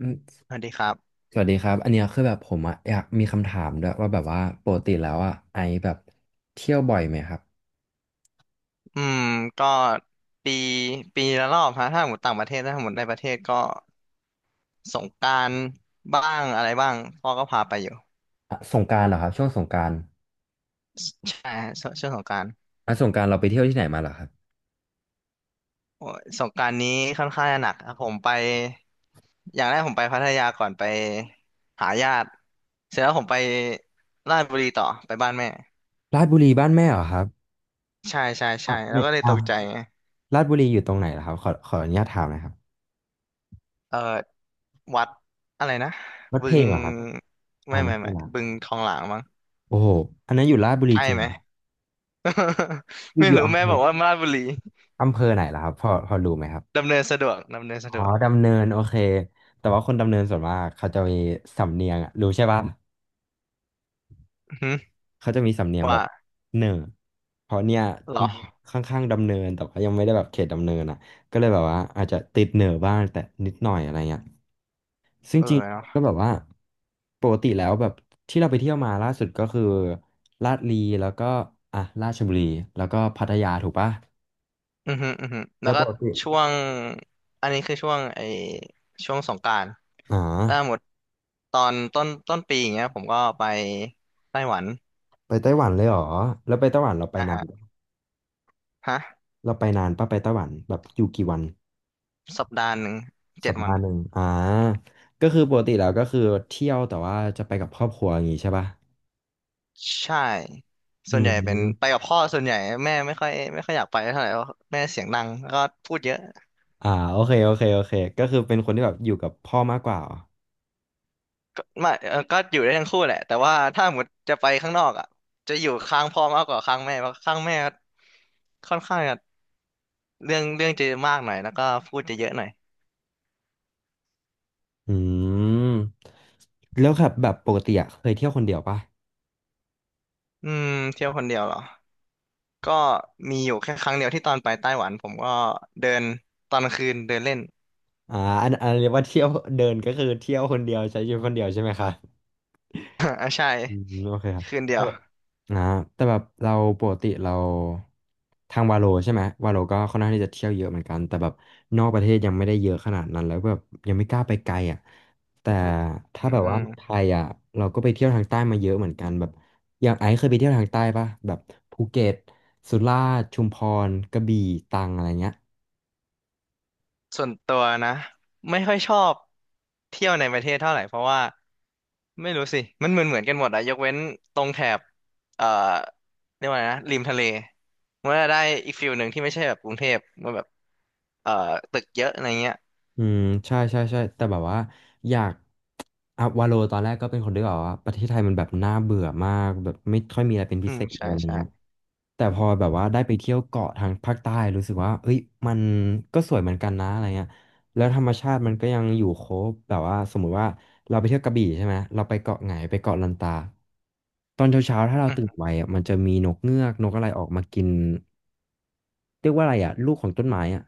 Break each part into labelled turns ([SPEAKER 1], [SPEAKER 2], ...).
[SPEAKER 1] อืม
[SPEAKER 2] สวัสดีครับ
[SPEAKER 1] สวัสดีครับอันเนี้ยคือแบบผมอะอยากมีคำถามด้วยว่าแบบว่าปกติแล้วอะไอแบบเที่ยวบ่อยไหมครับ
[SPEAKER 2] อืมก็ปี ปีละรอบฮะถ้าหมดต่างประเทศถ้าหมดในประเทศก็สงกรานต์บ้างอะไรบ้างพ่อก็พาไปอยู่
[SPEAKER 1] อ่ะสงกรานต์เหรอครับช่วงสงกรานต์
[SPEAKER 2] ใช่ฮะช่วงสงกรานต์
[SPEAKER 1] อ่ะสงกรานต์เราไปเที่ยวที่ไหนมาเหรอครับ
[SPEAKER 2] โอ้ยสงกรานต์นี้ค่อนข้างจะหนักครับผมไป อย่างแรกผมไปพัทยาก่อนไปหาญาติเสร็จแล้วผมไปราชบุรีต่อไปบ้านแม่
[SPEAKER 1] ราชบุรีบ้านแม่เหรอครับ
[SPEAKER 2] ใช่ใช่
[SPEAKER 1] อ่ะ
[SPEAKER 2] ใช่แล้ว
[SPEAKER 1] เนี่ย
[SPEAKER 2] ก็เลย
[SPEAKER 1] อ่า
[SPEAKER 2] ตกใจไง
[SPEAKER 1] ราชบุรีอยู่ตรงไหนเหรอครับขออนุญาตถามหนะครับ
[SPEAKER 2] เออวัดอะไรนะ
[SPEAKER 1] วัด
[SPEAKER 2] บึ
[SPEAKER 1] เพล
[SPEAKER 2] ง
[SPEAKER 1] งเหรอครับอ่า
[SPEAKER 2] ไม่
[SPEAKER 1] ไม่
[SPEAKER 2] ไม่
[SPEAKER 1] ใช่
[SPEAKER 2] ไม่
[SPEAKER 1] ละ
[SPEAKER 2] บึงทองหลางมั้ง
[SPEAKER 1] โอ้โหอันนั้นอยู่ราชบุรี
[SPEAKER 2] ใช่
[SPEAKER 1] จริง
[SPEAKER 2] ไหม
[SPEAKER 1] เหรอครับอ ยู่
[SPEAKER 2] ไม่
[SPEAKER 1] อยู่
[SPEAKER 2] รู้
[SPEAKER 1] อำ
[SPEAKER 2] แม่
[SPEAKER 1] เภ
[SPEAKER 2] บ
[SPEAKER 1] อ
[SPEAKER 2] อกว่าราชบุรี
[SPEAKER 1] อำเภอไหนเหรอครับพอรู้ไหมครับ
[SPEAKER 2] ดำเนินสะดวกดำเนินสะ
[SPEAKER 1] อ๋อ
[SPEAKER 2] ดวก
[SPEAKER 1] ดำเนินโอเคแต่ว่าคนดำเนินส่วนมากเขาจะมีสำเนียงอะรู้ใช่ป่ะ
[SPEAKER 2] อือหือ
[SPEAKER 1] เขาจะมีสำเนียงแบบ
[SPEAKER 2] ว่า
[SPEAKER 1] เหน่อเพราะเนี่ย
[SPEAKER 2] เหรอ
[SPEAKER 1] มันค่อนข้างดำเนินแต่ว่ายังไม่ได้แบบเขตดำเนินอ่ะก็เลยแบบว่าอาจจะติดเหน่อบ้างแต่นิดหน่อยอะไรเงี้ยซึ่ง
[SPEAKER 2] เออ
[SPEAKER 1] จริง
[SPEAKER 2] เนาะ
[SPEAKER 1] ๆก็แบบว่าปกติแล้วแบบที่เราไปเที่ยวมาล่าสุดก็คือลาดลีแล้วก็อ่ะราชบุรีแล้วก็พัทยาถูกปะ
[SPEAKER 2] อือหืออือหือแล้
[SPEAKER 1] แล้
[SPEAKER 2] ว
[SPEAKER 1] วป
[SPEAKER 2] ก็
[SPEAKER 1] กติ
[SPEAKER 2] ช่วงอันนี้คือช่วงสงกรานต์
[SPEAKER 1] อ๋อ
[SPEAKER 2] ถ้าหมดตอนต้นปีอย่างเงี้ยผมก็ไปไต้หวัน
[SPEAKER 1] ไปไต้หวันเลยเหรอแล้วไปไต้หวันเราไป
[SPEAKER 2] นะ
[SPEAKER 1] นาน
[SPEAKER 2] ฮะ
[SPEAKER 1] ปะ
[SPEAKER 2] ฮะ
[SPEAKER 1] เราไปนานปะไปไต้หวันแบบอยู่กี่วัน
[SPEAKER 2] สัปดาห์หนึ่งเจ็
[SPEAKER 1] สั
[SPEAKER 2] ด
[SPEAKER 1] ป
[SPEAKER 2] วั
[SPEAKER 1] ดา
[SPEAKER 2] น
[SPEAKER 1] ห์หนึ่งอ่าก็คือปกติแล้วก็คือเที่ยวแต่ว่าจะไปกับครอบครัวอย่างงี้ใช่ป่ะ
[SPEAKER 2] ใช่
[SPEAKER 1] อื
[SPEAKER 2] ส่วนใหญ่เป็นไป
[SPEAKER 1] ม
[SPEAKER 2] กับพ่อส่วนใหญ่แม่ไม่ค่อยอยากไปเท่าไหร่เพราะแม่เสียงดังแล้วก็พูดเยอะ
[SPEAKER 1] อ่าโอเคก็คือเป็นคนที่แบบอยู่กับพ่อมากกว่าเหรอ
[SPEAKER 2] ก็ไม่ก็อยู่ได้ทั้งคู่แหละแต่ว่าถ้าหมดจะไปข้างนอกอ่ะจะอยู่ข้างพ่อมากกว่าข้างแม่เพราะข้างแม่ค่อนข้างจะเรื่องจะมากหน่อยแล้วก็พูดจะเยอะหน่อย
[SPEAKER 1] อืมแล้วครับแบบปกติอะเคยเที่ยวคนเดียวป่ะ
[SPEAKER 2] อืมเที่ยวคนเดียวเหรอ ก็มีอยู่แค่ครั้งเดียวที่ตอนไปไต้หวันผมก็เดินตอนกลางคืนเดินเล่น
[SPEAKER 1] อ่าอันเรียกว่าเที่ยวเดินก็คือเที่ยวคนเดียวใช้ชีวิตคนเดียวใช่ไหมคะ
[SPEAKER 2] อ่าใช่
[SPEAKER 1] อืมโอเคครับ
[SPEAKER 2] คืนเดี
[SPEAKER 1] แต่
[SPEAKER 2] ยว
[SPEAKER 1] แบบนะแต่แบบเราปกติเราทางวาโลใช่ไหมวาโลก็ค่อนข้างที่จะเที่ยวเยอะเหมือนกันแต่แบบนอกประเทศยังไม่ได้เยอะขนาดนั้นแล้วแบบยังไม่กล้าไปไกลอ่ะแต่
[SPEAKER 2] อื
[SPEAKER 1] ถ้าแบบว่าไท
[SPEAKER 2] ม
[SPEAKER 1] ยอ่ะเราก็ไปเที่ยวทางใต้มาเยอะเหมือนกันแบบอย่างไอซ์เคยไปเที่ยวทางใต้ปะแบบภูเก็ตสุราษฎร์ชุมพรกระบี่ตรังอะไรเงี้ย
[SPEAKER 2] ส่วนตัวนะไม่ค่อยชอบเที่ยวในประเทศเท่าไหร่เพราะว่าไม่รู้สิมันเหมือนกันหมดอะยกเว้นตรงแถบเอ่อเรียกว่าไงนะริมทะเลมันจะได้อีกฟิลหนึ่งที่ไม่ใช่แบบกรุงเทพมันแบบเอ่อตึกเยอะอะไรเงี้ย
[SPEAKER 1] อืมใช่แต่แบบว่าอยากอ่ะวาโลตอนแรกก็เป็นคนที่แบบว่าประเทศไทยมันแบบน่าเบื่อมากแบบไม่ค่อยมีอะไรเป็นพิ
[SPEAKER 2] อื
[SPEAKER 1] เศ
[SPEAKER 2] ม
[SPEAKER 1] ษเลย
[SPEAKER 2] ใช่
[SPEAKER 1] อะไร
[SPEAKER 2] ใช่
[SPEAKER 1] เงี้ยแต่พอแบบว่าได้ไปเที่ยวเกาะทางภาคใต้รู้สึกว่าเอ้ยมันก็สวยเหมือนกันนะอะไรเงี้ยแล้วธรรมชาติมันก็ยังอยู่ครบแบบว่าสมมุติว่าเราไปเที่ยวกระบี่ใช่ไหมเราไปเกาะไหงไปเกาะลันตาตอนเช้าๆถ้าเรา
[SPEAKER 2] อื
[SPEAKER 1] ตื่น
[SPEAKER 2] ม
[SPEAKER 1] ไวอ่ะมันจะมีนกเงือกนกอะไรออกมากินเรียกว่าอะไรอ่ะลูกของต้นไม้อ่ะ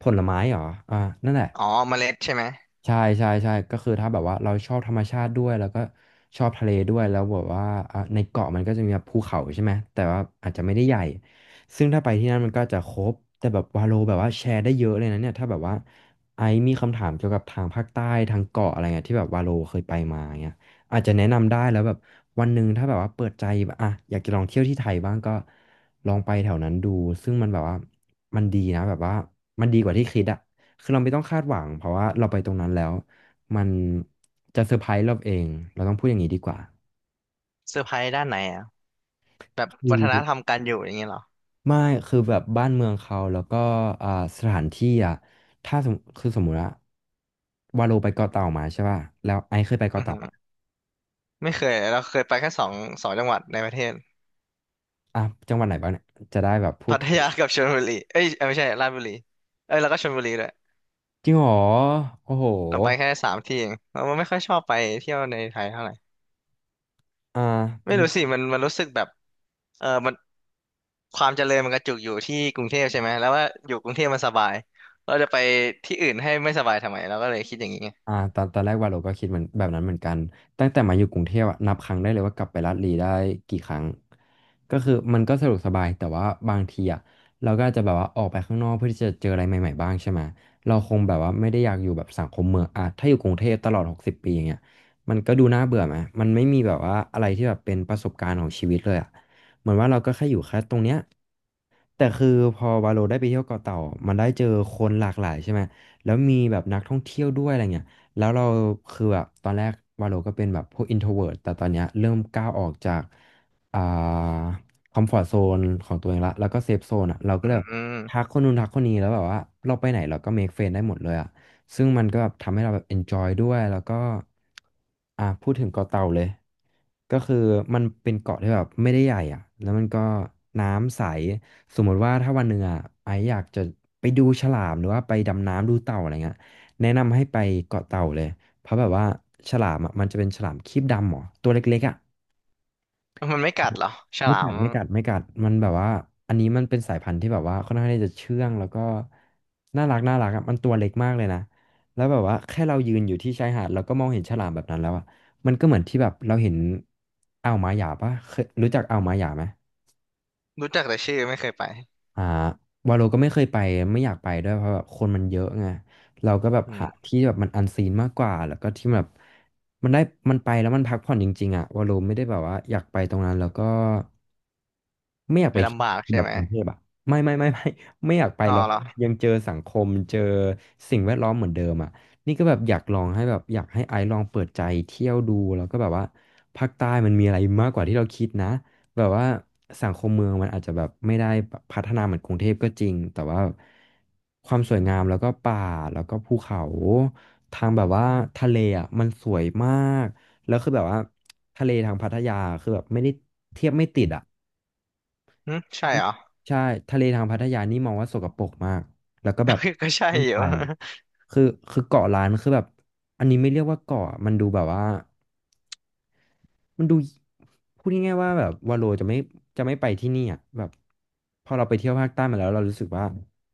[SPEAKER 1] ผลไม้เหรออ่านั่นแหละ
[SPEAKER 2] อ๋อเมล็ดใช่ไหม
[SPEAKER 1] ใช่ก็คือถ้าแบบว่าเราชอบธรรมชาติด้วยแล้วก็ชอบทะเลด้วยแล้วแบบว่าอ่ะในเกาะมันก็จะมีแบบภูเขาใช่ไหมแต่ว่าอาจจะไม่ได้ใหญ่ซึ่งถ้าไปที่นั่นมันก็จะครบแต่แบบวาโลแบบว่าแชร์ได้เยอะเลยนะเนี่ยถ้าแบบว่าไอซ์มีคำถามเกี่ยวกับทางภาคใต้ทางเกาะอะไรเงี้ยที่แบบวาโลเคยไปมาเงี้ยอาจจะแนะนำได้แล้วแบบวันหนึ่งถ้าแบบว่าเปิดใจแบบอ่ะอยากจะลองเที่ยวที่ไทยบ้างก็ลองไปแถวนั้นดูซึ่งมันแบบว่ามันดีนะแบบว่ามันดีกว่าที่คิดอะ คือเราไม่ต้องคาดหวังเพราะว่าเราไปตรงนั้นแล้วมันจะเซอร์ไพรส์เราเองเราต้องพูดอย่างนี้ดีกว่า
[SPEAKER 2] เซอร์ไพรส์ด้านไหนอะแบบ
[SPEAKER 1] คือ
[SPEAKER 2] วัฒนธรรมการอยู่อย่างเงี้ยเหรอ
[SPEAKER 1] ไม่คือแบบบ้านเมืองเขาแล้วก็อ่าสถานที่อ่ะถ้าสมมุติว่าวาโลไปเกาะเต่ามาใช่ป่ะแล้วไอซ์เคยไป
[SPEAKER 2] อื
[SPEAKER 1] เกาะ
[SPEAKER 2] อ
[SPEAKER 1] เต่า
[SPEAKER 2] หือ
[SPEAKER 1] ปะ
[SPEAKER 2] ไม่เคยเราเคยไปแค่สองจังหวัดในประเทศ
[SPEAKER 1] อ่ะจังหวัดไหนบ้างเนี่ยจะได้แบบพู
[SPEAKER 2] พั
[SPEAKER 1] ด
[SPEAKER 2] ท
[SPEAKER 1] ถูก
[SPEAKER 2] ยากับชลบุรีเอ้ยเอ้ยไม่ใช่ราชบุรีเอ้ยแล้วก็ชลบุรีด้วย
[SPEAKER 1] จริงเหรอโอ้โห
[SPEAKER 2] เราไปแค่3 ที่เองเราไม่ค่อยชอบไปเที่ยวในไทยเท่าไหร่
[SPEAKER 1] อ่
[SPEAKER 2] ไม่
[SPEAKER 1] า
[SPEAKER 2] รู้สิมันรู้สึกแบบเออมันความเจริญมันกระจุกอยู่ที่กรุงเทพใช่ไหมแล้วว่าอยู่กรุงเทพมันสบายเราจะไปที่อื่นให้ไม่สบายทำไมเราก็เลยคิดอย่างนี้ไง
[SPEAKER 1] อ่าตอนแรกวาโลก็คิดเหมือนแบบนั้นเหมือนกันตั้งแต่มาอยู่กรุงเทพอะนับครั้งได้เลยว่ากลับไปลาดลีได้กี่ครั้งก็คือมันก็สะดวกสบายแต่ว่าบางทีอะเราก็อาจจะแบบว่าออกไปข้างนอกเพื่อที่จะเจออะไรใหม่ๆบ้างใช่ไหมเราคงแบบว่าไม่ได้อยากอยู่แบบสังคมเมืองอะถ้าอยู่กรุงเทพตลอด60 ปีอย่างเงี้ยมันก็ดูน่าเบื่อไหมมันไม่มีแบบว่าอะไรที่แบบเป็นประสบการณ์ของชีวิตเลยอะเหมือนว่าเราก็แค่อยู่แค่ตรงเนี้ยแต่คือพอวาโลได้ไปเที่ยวเกาะเต่ามันได้เจอคนหลากหลายใช่ไหมแล้วมีแบบนักท่องเที่ยวด้วยอะไรเงี้ย แล้วเราคือแบบตอนแรกวาโลก็เป็นแบบพวก introvert แต่ตอนเนี้ยเริ่มก้าวออกจากอ่าคอมฟอร์ตโซนของตัวเองละแล้วก็เซฟโซนอ่ะเราก็
[SPEAKER 2] อื
[SPEAKER 1] เลยแบบทัก
[SPEAKER 2] ม
[SPEAKER 1] คนนู้นทักคนนี้แล้วแบบว่าเราไปไหนเราก็ make friend ได้หมดเลยอ่ะซึ่งมันก็แบบทำให้เราแบบ enjoy ด้วยแล้วก็พูดถึงเกาะเต่าเลยก็คือมันเป็นเกาะที่แบบไม่ได้ใหญ่อ่ะแล้วมันก็น้ำใสสมมติว่าถ้าวันหนึ่งอ่ะไออยากจะไปดูฉลามหรือว่าไปดำน้ำดูเต่าอะไรเงี้ย แนะนำให้ไปเกาะเต่าเลยเพราะแบบว่าฉลามอ่ะมันจะเป็นฉลามครีบดำหรอตัวเล็กๆอ่ะ
[SPEAKER 2] มันไม่กัดเหรอฉ
[SPEAKER 1] ไม่
[SPEAKER 2] ลา
[SPEAKER 1] กั
[SPEAKER 2] ม
[SPEAKER 1] ดไม่กัดไม่กัดมันแบบว่าอันนี้มันเป็นสายพันธุ์ที่แบบว่าค่อนข้างที่จะเชื่องแล้วก็น่ารักน่ารักอะมันตัวเล็กมากเลยนะแล้วแบบว่าแค่เรายืนอยู่ที่ชายหาดแล้วก็มองเห็นฉลามแบบนั้นแล้วอ่ะมันก็เหมือนที่แบบเราเห็นอ่าวมาหยาปะเคยรู้จักอ่าวมาหยาไหม
[SPEAKER 2] รู้จักแต่ชื่อไม่เคยไป
[SPEAKER 1] อ่าวาโลก็ไม่เคยไปไม่อยากไปด้วยเพราะแบบคนมันเยอะไงเราก็แบบ
[SPEAKER 2] อื
[SPEAKER 1] หา
[SPEAKER 2] ม
[SPEAKER 1] ที่แบบมันอันซีนมากกว่าแล้วก็ที่แบบมันได้มันไปแล้วมันพักผ่อนจริงๆอ่ะวาโลไม่ได้แบบว่าอยากไปตรงนั้นแล้วก็ ไม่อยาก
[SPEAKER 2] ไป
[SPEAKER 1] ไปที่
[SPEAKER 2] ลำบากใช่
[SPEAKER 1] แบบ
[SPEAKER 2] ไหม
[SPEAKER 1] กรุงเทพอ่ะไม่ไม่ไม่ไม่ ไม่อยากไป
[SPEAKER 2] อ๋อ
[SPEAKER 1] แล้ว
[SPEAKER 2] เหรอ
[SPEAKER 1] ยังเจอสังคมเจอสิ่งแวดล้อมเหมือนเดิมอ่ะนี่ก็แบบอยากลองให้แบบอยากให้ไอซ์ลองเปิดใจเที่ยวดูแล้วก็แบบว่าภาคใต้มันมีอะไรมากกว่าที่เราคิดนะแบบว่าสังคมเมืองมันอาจจะแบบไม่ได้แบบพัฒนาเหมือนกรุงเทพก็จริงแต่ว่าความสวยงามแล้วก็ป่าแล้วก็ภูเขาทางแบบว่าทะเลอ่ะมันสวยมากแล้วคือแบบว่าทะเลทางพัทยาคือแบบไม่ได้เทียบไม่ติดอ่ะ
[SPEAKER 2] หึใช่เหรอ
[SPEAKER 1] ใช่ทะเลทางพัทยานี่มองว่าสกปรกมากแล้วก็แบบ
[SPEAKER 2] ก็ใช่
[SPEAKER 1] ไม่
[SPEAKER 2] อ
[SPEAKER 1] ไป
[SPEAKER 2] ยู่
[SPEAKER 1] คือคือเกาะล้านคือแบบอันนี้ไม่เรียกว่าเกาะมันดูแบบว่ามันดูพูดง่ายๆว่าแบบวาโลจะไม่ไปที่นี่อ่ะแบบพอเราไปเที่ยวภาคใต้มาแล้วเรารู้สึกว่า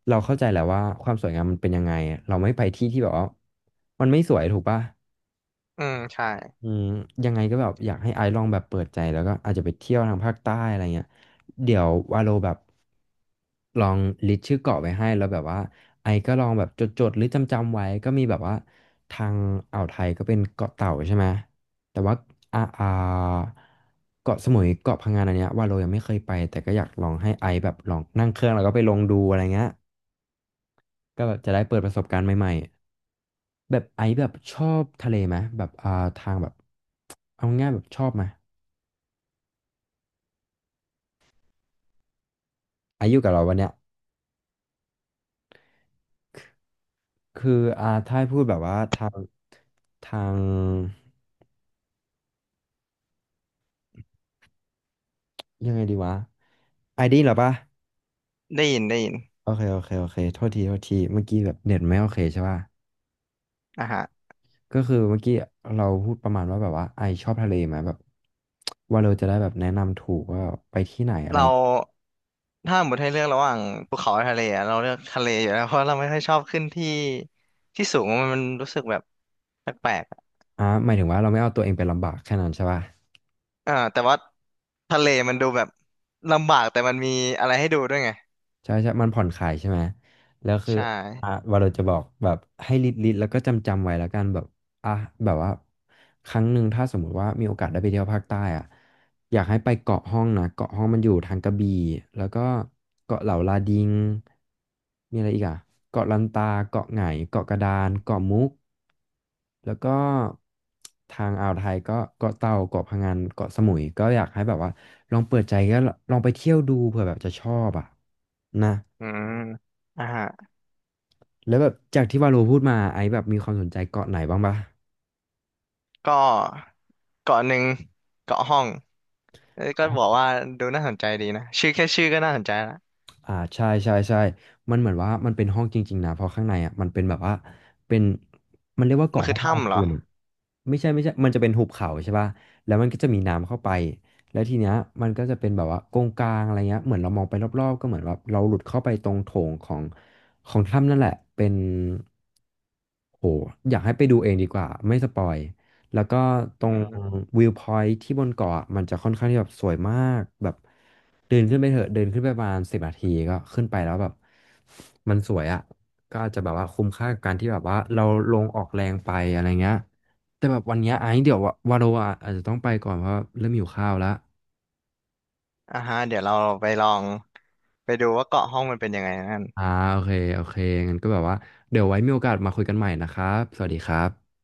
[SPEAKER 1] เราเข้าใจแหละว่าความสวยงามมันเป็นยังไงเราไม่ไปที่ที่แบบว่ามันไม่สวยถูกปะ
[SPEAKER 2] อืมใช่
[SPEAKER 1] อืมยังไงก็แบบอยากให้ไอซ์ลองแบบเปิดใจแล้วก็อาจจะไปเที่ยวทางภาคใต้อะไรเงี้ยเดี๋ยววาโลแบบลองลิสต์ชื่อเกาะไว้ให้แล้วแบบว่าไอซ์ก็ลองแบบจดๆหรือจำๆไว้ก็มีแบบว่าทางอ่าวไทยก็เป็นเกาะเต่าใช่ไหมแต่ว่าอ่าอ่าเกาะสมุยเกาะพังงานอันเนี้ยวาโลยังไม่เคยไปแต่ก็อยากลองให้ไอซ์แบบลองนั่งเครื่องแล้วก็ไปลองดูอะไรเงี้ยก็แบบจะได้เปิดประสบการณ์ใหม่ๆ แบบไอซ์แบบชอบทะเลไหมแบบทางแบบเอาง่ายๆแบบชอบไหมไอซ์อยู่กับเราวันเนี้ยคืออ่าถ้าให้พูดแบบว่าทางยังไงดีวะไอดีเหรอปะ
[SPEAKER 2] ได้ยินได้ยิน
[SPEAKER 1] โอเคโอเคโอเคโทษทีโทษทีเมื่อกี้แบบเน็ตไม่โอเคใช่ป่ะ
[SPEAKER 2] อ่าฮะ
[SPEAKER 1] ก็คือเมื่อกี้เราพูดประมาณว่าแบบว่าไอชอบทะเลไหมแบบว่าเราจะได้แบบแนะนำถูกว่าไปที่ไหนอะไร
[SPEAKER 2] เราถ้าหมดให้เลือกระหว่างภูเขากับทะเลอะเราเลือกทะเลอยู่แล้วเพราะเราไม่ค่อยชอบขึ้นที่ที่สูงมันรู้สึกแบบแปลกๆอะ
[SPEAKER 1] อ่าหมายถึงว่าเราไม่เอาตัวเองไปลำบากแค่นั้นใช่ป่ะ
[SPEAKER 2] แต่ว่าทะเลมันดูแบบลำบากแต่มันมีอะไรให้ดูด้วยไง
[SPEAKER 1] ใช่ใช่ มันผ่อนคลายใช่ไหม แล้วคือ
[SPEAKER 2] ใช่
[SPEAKER 1] อ่ะวาเราจะบอกแบบให้ลิดลิดแล้วก็จำจำไว้แล้วกันแบบ อ่ะแบบว่าครั้งหนึ่งถ้าสมมุติว่ามีโอกาสได้ไปเที่ยวภาคใต้อ่ะอยากให้ไปเกาะห้องนะเกาะห้องมันอยู่ทางกระบี่แล้วก็เกาะเหล่าลาดิงมีอะไรอีกอ่ะเกาะลันตาเกาะไหงเกาะกระดานเกาะมุกแล้วก็ทางอ่าวไทยก็เกาะเต่าเกาะพะงันเกาะสมุยก็อยากให้แบบว่าลองเปิดใจก็ลองไปเที่ยวดูเผื่อแบบจะชอบอ่ะนะ
[SPEAKER 2] อืมอ่าฮะ
[SPEAKER 1] แล้วแบบจากที่วาโลพูดมาไอซ์แบบมีความสนใจเกาะไหนบ้างปะ
[SPEAKER 2] ก็เกาะหนึ่งเกาะห้องเอ้ยก็บอกว่าดูน่าสนใจดีนะชื่อแค่ชื่อก็น่าสนใจละ
[SPEAKER 1] อ่าใช่ใช่ใช่มันเหมือนว่ามันเป็นห้องจริงๆนะเพราะข้างในอ่ะมันเป็นแบบว่าเป็นมันเรียกว่า
[SPEAKER 2] มั
[SPEAKER 1] เกาะ
[SPEAKER 2] นคื
[SPEAKER 1] ห้อ
[SPEAKER 2] อ
[SPEAKER 1] งลา
[SPEAKER 2] ถ้ำเหร
[SPEAKER 1] คู
[SPEAKER 2] อ
[SPEAKER 1] น ไม่ใช่ไม่ใช่มันจะเป็นหุบเขาใช่ป่ะแล้วมันก็จะมีน้ำเข้าไป แล้วทีเนี้ยมันก็จะเป็นแบบว่าโกงกลางอะไรเงี้ยเหมือนเรามองไปรอบๆก็เหมือนแบบเราหลุดเข้าไปตรงโถงของถ้ำนั่นแหละเป็นโหอยากให้ไปดูเองดีกว่าไม่สปอยแล้วก็ตร
[SPEAKER 2] อื
[SPEAKER 1] ง
[SPEAKER 2] ม
[SPEAKER 1] วิวพอยท์ที่บนเกาะอะมันจะค่อนข้างที่แบบสวยมากแบบเดินขึ้นไปเถอะเดินขึ้นไปประมาณ10 นาทีก็ขึ้นไปแล้วแบบมันสวยอ่ะก็อาจจะแบบว่าคุ้มค่ากับการที่แบบว่าเราลงออกแรงไปอะไรเงี้ย แต่แบบวันเนี้ยไอ้เดี๋ยววะวาโรอะอาจจะต้องไปก่อนเพราะว่าเริ่มหิวข้าวแล้ว
[SPEAKER 2] อ่าฮะเดี๋ยวเราไปลองไปดูว่าเกาะห้องมันเป็นยังไงนั่น
[SPEAKER 1] อ่าโอเคโอเคงั้นก็แบบว่าเดี๋ยวไว้มีโอกาสมาคุยกันใหม่นะครับ สวัสดีครับ